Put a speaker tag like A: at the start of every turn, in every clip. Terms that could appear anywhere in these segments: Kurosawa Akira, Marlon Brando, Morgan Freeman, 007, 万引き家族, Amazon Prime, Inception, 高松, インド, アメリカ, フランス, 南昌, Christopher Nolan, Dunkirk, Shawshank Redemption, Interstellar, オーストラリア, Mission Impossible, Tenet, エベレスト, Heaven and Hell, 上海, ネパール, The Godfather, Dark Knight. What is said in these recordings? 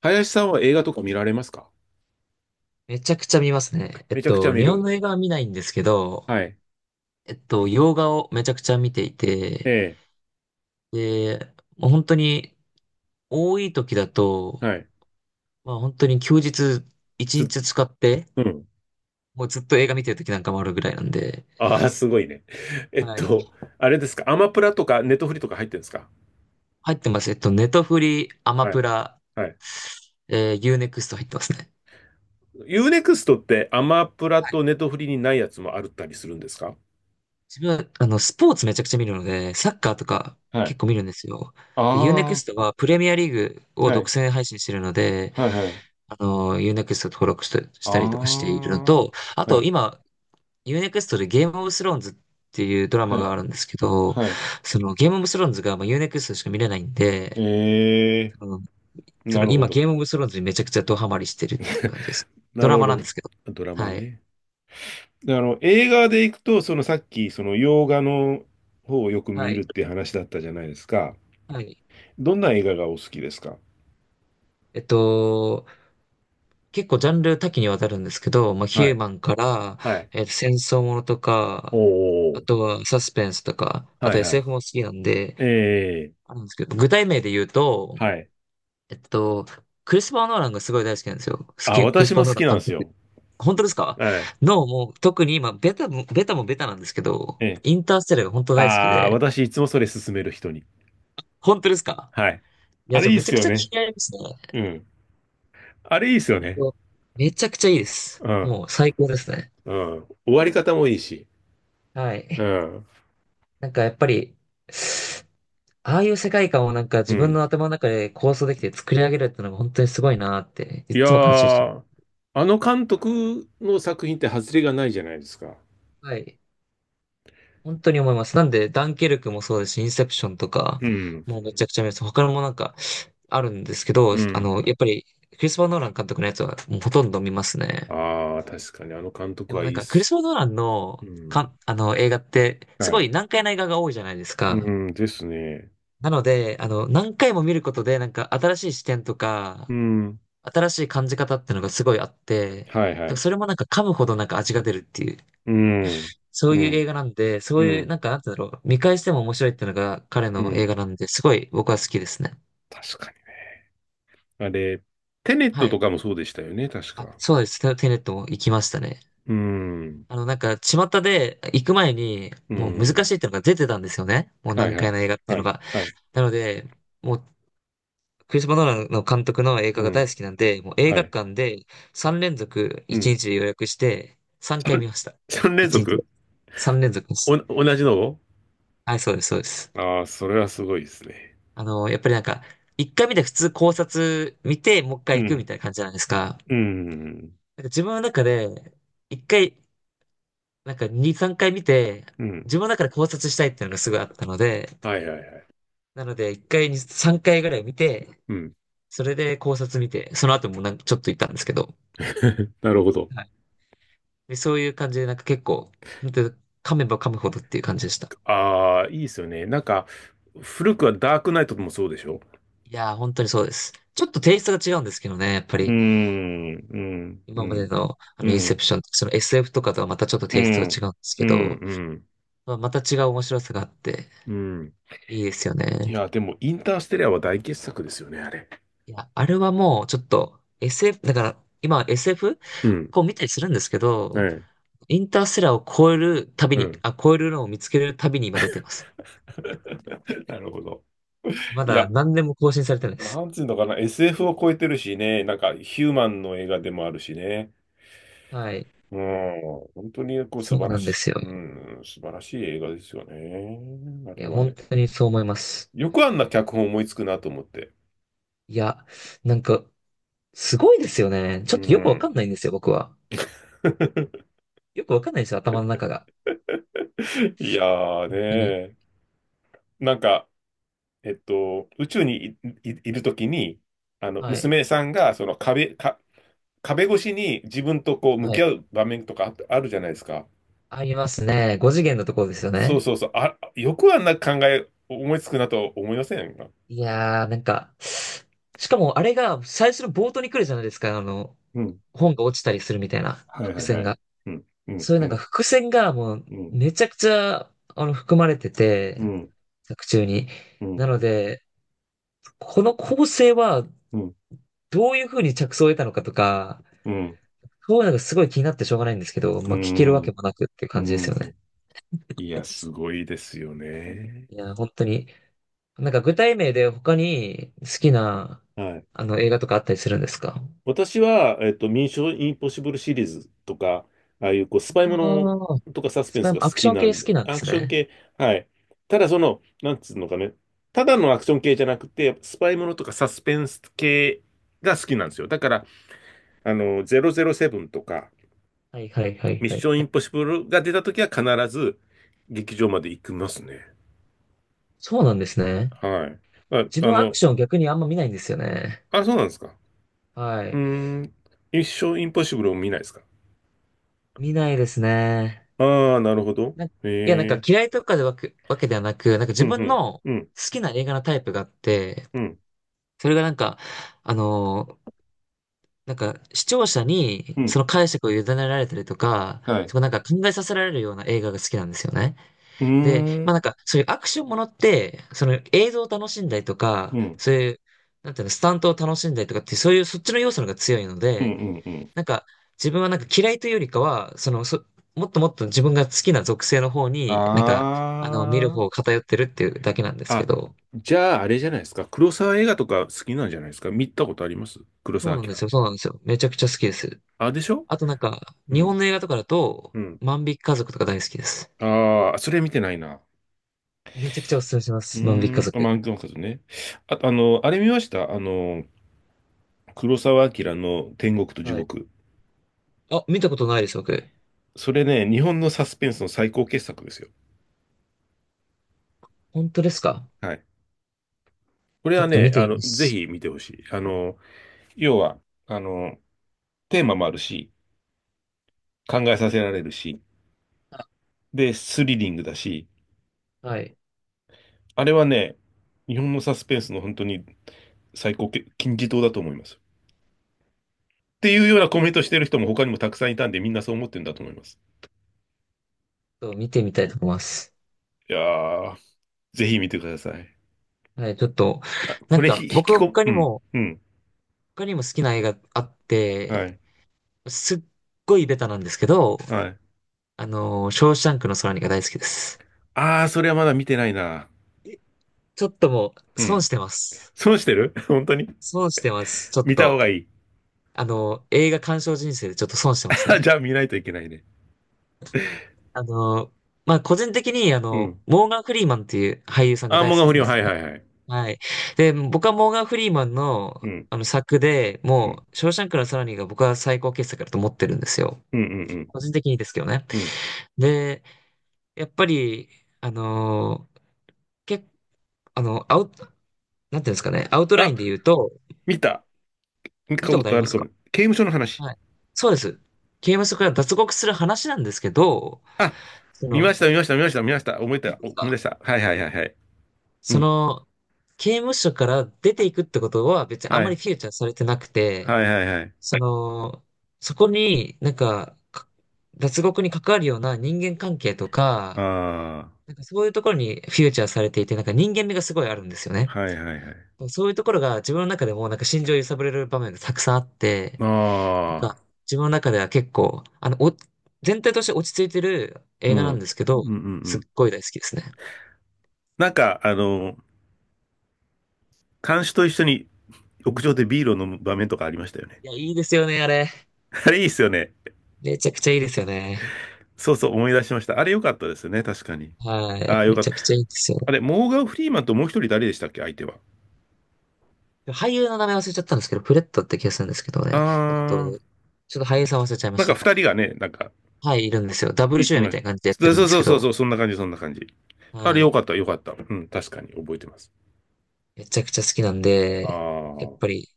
A: 林さんは映画とか見られますか？
B: めちゃくちゃ見ますね。
A: めちゃくちゃ見
B: 日本
A: る。
B: の映画は見ないんですけど、
A: はい。
B: 洋画をめちゃくちゃ見ていて、
A: え
B: で、もう本当に多い時だ
A: え。
B: と、
A: はい。
B: まあ本当に休日一
A: ずっ、
B: 日使って、
A: うん。
B: もうずっと映画見てる時なんかもあるぐらいなんで、
A: ああ、すごいね。えっ
B: はい。
A: と、あれですか、アマプラとかネットフリとか入ってるんですか？
B: 入ってます。ネトフリ、アマ
A: は
B: プ
A: い。
B: ラ、
A: はい。
B: ユーネクスト入ってますね。
A: ユーネクストってアマプラ
B: は
A: と
B: い。
A: ネットフリにないやつもあるったりするんですか？
B: 自分は、スポーツめちゃくちゃ見るので、サッカーとか
A: はい。
B: 結構見るんですよ。で、ユーネク
A: あ
B: ストはプレミアリーグ
A: あ、
B: を
A: は
B: 独
A: い。
B: 占配信してるので、
A: はいはい。
B: あの、u ネクスト登録したし
A: あ
B: たりとかしているの
A: あ、
B: と、あ
A: は
B: と
A: い。
B: 今、u ネクストでゲームオブスローンズっていうドラマ
A: は
B: が
A: い。
B: あるんですけど、
A: はい。
B: そのゲームオブスローンズがまあユーネク e x t しか見れないんで、
A: ええ、
B: その、そ
A: な
B: の
A: るほ
B: 今
A: ど。
B: ゲームオブスローンズにめちゃくちゃドハマりしてるっていう感じです。ド
A: なる
B: ラマな
A: ほ
B: ん
A: ど。
B: ですけど。
A: ドラマ
B: はい。
A: ね。で、あの、映画で行くと、そのさっき、その洋画の方をよく
B: は
A: 見る
B: い。
A: って話だったじゃないですか。
B: はい。
A: どんな映画がお好きですか？
B: えっと、結構ジャンル多岐にわたるんですけど、まあ、ヒ
A: は
B: ュー
A: い。
B: マンから、
A: はい。
B: 戦争ものとか、
A: お
B: あ
A: ー。
B: とはサスペンスとか、あ
A: は
B: と
A: いはい。
B: SF も好きなんで、
A: ええ、
B: あるんですけど、具体名で言うと、
A: はい。
B: えっと、クリスパー・ノーランがすごい大好きなんですよ。好
A: あ、
B: き、クリス
A: 私
B: パ
A: も
B: ー・ノ
A: 好
B: ーラ
A: き
B: ン
A: なんで
B: 監
A: す
B: 督。
A: よ。
B: 本当ですか？
A: はい。
B: の、もう、特に今、ベタもベタなんですけど、
A: ええ。
B: インターステラーが本当大好き
A: ああ、
B: で、
A: 私いつもそれ勧める人に。
B: 本当ですか？
A: はい。
B: い
A: あ
B: や、
A: れ
B: じゃ
A: い
B: あ
A: いっ
B: めち
A: す
B: ゃく
A: よ
B: ちゃ
A: ね。
B: 気になりますね。
A: うん。あれいいっすよ
B: えっ
A: ね。
B: とめちゃくちゃいいです。
A: うん。
B: もう最高ですね。
A: うん。終わり方もいいし。
B: は
A: う
B: い。
A: ん。
B: なんかやっぱり、ああいう世界観をなんか
A: う
B: 自分
A: ん。
B: の頭の中で構想できて作り上げるってのが本当にすごいなって、
A: い
B: い
A: や
B: つも感心してま
A: ー、
B: す。
A: あの監督の作品って外れがないじゃないですか。
B: はい。本当に思います。なんで、ダンケルクもそうですし、インセプションとか、
A: うん。
B: もうめちゃくちゃ見ます。他のもなんかあるんですけど、
A: う
B: あ
A: ん。
B: の、やっぱり、クリスパー・ノーラン監督のやつはもうほとんど見ますね。
A: ああ、確かにあの監
B: で
A: 督
B: も
A: はい
B: なん
A: いっ
B: か、クリス
A: す。
B: パー・ノーラン
A: う
B: の、か、
A: ん。
B: あの、映画って、す
A: は
B: ご
A: い。
B: い難解な映画が多いじゃないですか。
A: うん。ですね。
B: なので、あの、何回も見ることで、なんか、新しい視点と
A: う
B: か、
A: ん。
B: 新しい感じ方っていうのがすごいあって、だか
A: はいは
B: ら
A: い。
B: それもなんか噛むほどなんか味が出るっていう
A: うん。
B: そう
A: う
B: いう映
A: ん。
B: 画なんで、そ
A: う
B: ういう、
A: ん。
B: なんか、なんて言うんだろう、見返しても面白いっていうのが彼
A: う
B: の映
A: ん。
B: 画なんで、すごい僕は好きですね。
A: 確かに。あれ、テネッ
B: は
A: トと
B: い。
A: かもそうでしたよね、確
B: あ、
A: か。
B: そうです。テネットも行きましたね。
A: うん。
B: あの、なんか、巷で行く前に、
A: う
B: もう難
A: ん。
B: しいっていうのが出てたんですよね。もう
A: はい
B: 難
A: は
B: 解
A: い。
B: な映画ってい
A: は
B: うの
A: い。
B: が。
A: はい。
B: なので、もう、クリストファー・マノーランの監督の映
A: う
B: 画が大
A: ん。
B: 好きなんで、もう映
A: は
B: 画
A: い。
B: 館で3連続
A: う
B: 1
A: ん。
B: 日で予約して、3回
A: 3、
B: 見ました。
A: 三連
B: 1日で。
A: 続。
B: 3連続で
A: お、
B: す。
A: 同じのを。
B: はい、そうです。
A: ああー、それはすごいですね。
B: あの、やっぱりなんか、一回見て普通考察見て、もう一
A: う
B: 回行くみ
A: ん。
B: たいな感じじゃないですか。
A: うん。
B: なんか自分の中で、一回、なんか二、三回見て、
A: うん。
B: 自分の中で考察したいっていうのがすごいあったので、
A: はいはいはい。
B: なので一回に三回ぐらい見て、
A: うん。
B: それで考察見て、その後もなんかちょっと行ったんですけど、
A: なるほど。
B: はい。で、そういう感じでなんか結構、本当に噛めば噛むほどっていう感じでした。
A: ああ、いいですよね。なんか、古くはダークナイトもそうでしょ？
B: いやー、本当にそうです。ちょっとテイストが違うんですけどね、やっぱ
A: うー
B: り。
A: ん、うん、う
B: 今まで
A: ん、
B: の、あ
A: う
B: の、インセ
A: ん、
B: プション、その SF とかとはまたちょっと
A: う
B: テイストが
A: ん、
B: 違うんです
A: う
B: け
A: ん、
B: ど、
A: うん、
B: まあ、また違う面白さがあって、
A: うん。
B: いいですよ
A: い
B: ね。
A: や、でも、インターステリアは大傑作ですよね、あれ。
B: いや、あれはもうちょっと SF、だから今 SF
A: うん。
B: こう見たりするんですけ
A: え
B: ど、
A: え。
B: インターステラーを超える旅
A: う
B: に、
A: ん。
B: あ、超えるのを見つける旅に今出てます。
A: なるほど。
B: ま
A: い
B: だ
A: や、
B: 何年も更新されてないです。
A: なんつうのかな、SF を超えてるしね、なんかヒューマンの映画でもあるしね。
B: はい。
A: うん、本当にこう素
B: そう
A: 晴ら
B: なんで
A: し
B: すよ。
A: い、うん、素晴らしい映画ですよね。あ
B: い
A: れ
B: や、
A: は
B: 本
A: ね。
B: 当にそう思います。
A: よくあんな脚本思いつくなと思って。
B: いや、なんか、すごいですよね。ちょっ
A: う
B: とよくわか
A: ん。
B: んないんですよ、僕は。よくわかんないんですよ、頭の中が。
A: いやーね
B: 本当に。
A: ー。なんか、宇宙にいるときに、あの、
B: はい。
A: 娘さんが、壁越しに自分とこう向
B: は
A: き
B: い。
A: 合う場面とかあるじゃないですか。
B: ありますね。5次元のところですよ
A: そう
B: ね。
A: そうそう。あ、よくあんな考え思いつくなと思いませんか？
B: いやー、なんか、しかもあれが最初の冒頭に来るじゃないですか、あの、
A: うん。
B: 本が落ちたりするみたいな
A: はいは
B: 伏
A: いは
B: 線
A: い。
B: が。
A: うん。うん。
B: そういう
A: う
B: なんか
A: ん。
B: 伏線がもう
A: うん。
B: めちゃくちゃ、あの、含まれてて、
A: うん。
B: 作中に。
A: う
B: な
A: ん。
B: ので、この構成は
A: うん。
B: どういう風に着想を得たのかとか、
A: うん。
B: そういうのがすごい気になってしょうがないんですけど、
A: う
B: まあ聞けるわ
A: ん。
B: けもなくっていう
A: う
B: 感じです
A: ん。
B: よね。
A: いや、すごいですよね。
B: いや本当に。なんか具体名で他に好きな、
A: はい。
B: あの、映画とかあったりするんですか？
A: 私は、ミッションインポッシブルシリーズとか、ああいうこうスパイもの
B: ああ、
A: とかサス
B: ス
A: ペン
B: パイ
A: スが
B: も
A: 好
B: アクシ
A: き
B: ョン
A: な
B: 系好
A: んで、
B: きなんで
A: ア
B: す
A: クション
B: ね。
A: 系。はい。ただその、なんつうのかね、ただのアクション系じゃなくて、スパイものとかサスペンス系が好きなんですよ。だから、あの、007とか、
B: はいはいはい
A: ミッ
B: は
A: ショ
B: い
A: ンイ
B: は
A: ン
B: い。
A: ポッシブルが出た時は必ず劇場まで行きますね。
B: そうなんですね。
A: はい。あ、
B: 自
A: あ
B: 分はアク
A: の。
B: ション逆にあんま見ないんですよね。
A: あ、そうなんですか。
B: は
A: うー
B: い。
A: ん、ミッションインポッシブルを見ないですか。
B: 見ないですね。
A: ああー、なるほど。
B: いや、なん
A: へ
B: か
A: え。
B: 嫌いとかでわけではなく、なんか
A: う
B: 自
A: ん、う
B: 分
A: ん、
B: の好
A: うん、
B: きな映画のタイプがあって、
A: うん、
B: それがなんか、あのーなんか視聴者
A: う
B: にそ
A: ん、
B: の解釈を委ねられたりとか、
A: はい。
B: そ
A: う
B: こなんか考えさせられるような映画が好きなんですよね。
A: ーん、
B: で、
A: う
B: まあなん
A: ん、
B: か、そういうアクションものって、その映像を楽しんだりとか、
A: うん、
B: そういう、なんていうの、スタントを楽しんだりとかって、そういうそっちの要素の方が強いの
A: う
B: で、
A: ん、うん。
B: なんか、自分はなんか嫌いというよりかは、もっともっと自分が好きな属性の方に、なんか、あの、見る
A: あ
B: 方を
A: ー。
B: 偏ってるっていうだけなんですけ
A: あ、
B: ど、
A: じゃあ、あれじゃないですか。黒沢映画とか好きなんじゃないですか。見たことあります、黒沢明。
B: そうなんですよ。めちゃくちゃ好きです。
A: あ、でしょ？
B: あとなんか、
A: う
B: 日本
A: ん、
B: の映画とかだと、
A: うん。
B: 万引き家族とか大好きです。
A: ああ、それ見てないな。
B: めちゃくちゃおすすめしま
A: うー
B: す。万引き家
A: ん、あ、
B: 族。
A: マンクマカズね。あと、あの、あれ見ました、あの、黒沢明の天国と地
B: はい。
A: 獄。
B: あ、見たことないです、僕。
A: それね、日本のサスペンスの最高傑作ですよ。
B: 本当ですか？
A: はい。これ
B: ちょっ
A: は
B: と見
A: ね、あ
B: てみ
A: の、
B: ま
A: ぜ
B: す。
A: ひ見てほしい。あの、要は、あの、テーマもあるし、考えさせられるし、
B: あ
A: で、スリリングだし、
B: はい。ち
A: あれはね、日本のサスペンスの本当に最高け金字塔だと思います。っていうようなコメントしてる人も他にもたくさんいたんで、みんなそう思ってるんだと思います。
B: ょっと見てみたいと思います。
A: いやー、ぜひ見てください。
B: はい、ちょっと、
A: あ、
B: な
A: こ
B: ん
A: れひ、
B: か、
A: 引き
B: 僕は
A: こ、
B: 他
A: う
B: に
A: ん、
B: も、
A: うん、
B: 他にも好きな映画あって、
A: はい、
B: すっごいベタなんですけど、
A: はい。
B: ショーシャンクの空にが大好きです。
A: あー、それはまだ見てないな。
B: えちょっともう、
A: う
B: 損
A: ん。
B: してます。
A: 損してる。 本当に
B: 損してます。ちょっ
A: 見た方
B: と、
A: がいい。
B: 映画鑑賞人生でちょっと損してます ね。
A: じゃあ見ないといけないね。
B: あのー、まあ、個人的に、あ
A: う
B: の、
A: ん。
B: モーガン・フリーマンっていう俳優さんが
A: アー
B: 大
A: モン
B: 好
A: ガ
B: きな
A: 不
B: ん
A: 良、
B: で
A: は
B: す。
A: いはいはい。
B: はい。で、僕はモーガン・フリーマン
A: う
B: の、
A: ん、
B: あの作で、
A: う
B: も
A: ん、
B: う、ショーシャンクの空にが僕は最高傑作だと思ってるんですよ。
A: うん、うん、う
B: 個人的にですけどね。
A: ん。うん。
B: で、やっぱり、あのー、け、あの、アウト、なんていうんですかね、アウトライ
A: あ、
B: ンで言うと、
A: 見た。見た
B: 見た
A: こ
B: ことあ
A: と
B: り
A: あ
B: ま
A: る
B: す
A: か
B: か？
A: も。刑務所の話。
B: はい。そうです。刑務所から脱獄する話なんですけど、
A: あ、
B: その、
A: 見
B: はい。
A: ました、見ました、見ました、見ました。思い出した、思い出した。はいはいはいはい。う
B: そ
A: ん。
B: の、刑務所から出ていくってことは別にあ
A: は
B: んまり
A: い。
B: フィーチャーされてなくて、
A: はいはいはい。
B: その、そこになんか、か脱獄に関わるような人間関係とか、
A: ああ、
B: なんかそういうところにフィーチャーされていて、なんか人間味がすごいあるんですよね。
A: はいはいはい。
B: そういうところが自分の中でもなんか心情を揺さぶれる場面がたくさんあって、なんか
A: ああ、
B: 自分の中では結構、全体として落ち着いてる
A: う
B: 映画
A: ん。
B: な
A: う
B: ん
A: ん、
B: ですけ
A: う
B: ど、
A: ん、う
B: すっ
A: ん。
B: ごい大好きですね。
A: なんか、あの、看守と一緒に屋上でビールを飲む場面とかありましたよね。
B: いや、いいですよね、あれ。
A: あれいいっすよね。
B: めちゃくちゃいいですよね。
A: そうそう、思い出しました。あれ良かったですよね、確かに。
B: は
A: ああ、
B: い。
A: よ
B: め
A: かっ
B: ち
A: た。
B: ゃくちゃいいですよね。
A: あれ、モーガン・フリーマンともう一人誰でしたっけ、相手は。
B: 俳優の名前忘れちゃったんですけど、プレットって気がするんですけど
A: あ
B: ね。えっと、
A: あ、
B: ちょっと俳優さん忘れちゃいま
A: なん
B: し
A: か
B: た。
A: 二人がね、なんか、
B: はい、いるんですよ。ダブル主
A: い
B: 演み
A: ま
B: た
A: し
B: いな感じでやって
A: た。
B: るん
A: そ
B: で
A: う
B: す
A: そう
B: け
A: そう
B: ど、
A: そう、そんな感じ、そんな感じ。あれ、
B: は
A: よ
B: い。
A: かった、よかった。うん、確かに覚えてます。
B: めちゃくちゃ好きなん
A: あ
B: で、やっ
A: あ、
B: ぱり、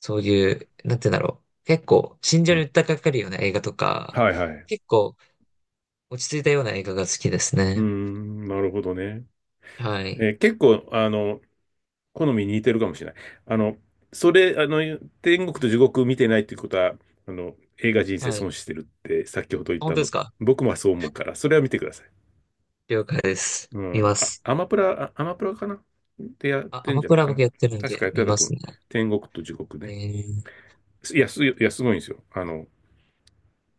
B: そういう、なんて言うんだろう。結構、心情
A: う
B: に
A: ん。
B: 訴えかかるような映画とか、
A: はいはい。
B: 結構、落ち着いたような映画が好きです
A: うー
B: ね。
A: ん、なるほどね。
B: はい。
A: えー、結構、あの、好みに似てるかもしれない。あの、それ、あの、天国と地獄見てないっていうことは、あの、映画人生
B: はい。
A: 損してるって先ほど言
B: あ
A: っ
B: 本
A: た
B: 当で
A: の、
B: すか？
A: 僕もそう思うから、それは見てください。
B: 了解です。
A: う
B: 見
A: ん。
B: ま
A: あ、
B: す。
A: アマプラ、あ、アマプラかなってやっ
B: あ、ア
A: てん
B: マ
A: じゃ
B: プ
A: ない
B: ラ
A: かな。
B: 僕やってるん
A: 確
B: で、
A: かやって
B: 見
A: た
B: ま
A: と思
B: す
A: う。
B: ね。
A: 天国と地獄
B: え
A: ね。
B: ー、
A: いや、すごいんですよ。あの、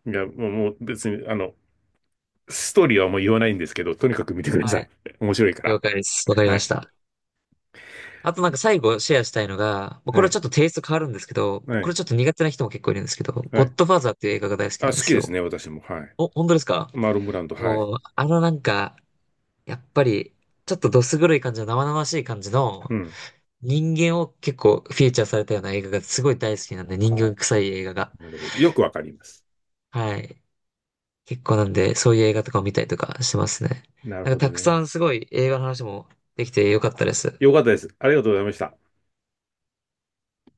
A: いや、もう、もう別に、あの、ストーリーはもう言わないんですけど、とにかく見てくだ
B: は
A: さい。
B: い。
A: 面白いから。
B: 了解です。わかり
A: は
B: ま
A: い。
B: した。あとなんか最後シェアしたいのが、まあこ
A: は
B: れは
A: い。
B: ちょっとテイスト変わるんですけど、
A: は
B: こ
A: い。
B: れちょっと苦手な人も結構いるんですけど、
A: は
B: ゴッ
A: い。
B: ドファーザーっていう映画が大好
A: あ、
B: き
A: 好
B: なんで
A: き
B: す
A: です
B: よ。
A: ね、私も。はい。
B: お、本当ですか？
A: マーロンブランド、はい。
B: もう、やっぱり、ちょっとどす黒い感じの生々しい感じの
A: うん。
B: 人間を結構フィーチャーされたような映画がすごい大好きなんで、
A: あ
B: 人
A: ー、
B: 間臭い映画が。
A: なるほど。よくわかります。
B: はい。結構なんで、そういう映画とかを見たりとかしてますね。
A: なる
B: なんか
A: ほ
B: た
A: ど
B: くさ
A: ね。
B: んすごい映画の話もできてよかったです。
A: よかったです。ありがとうございました。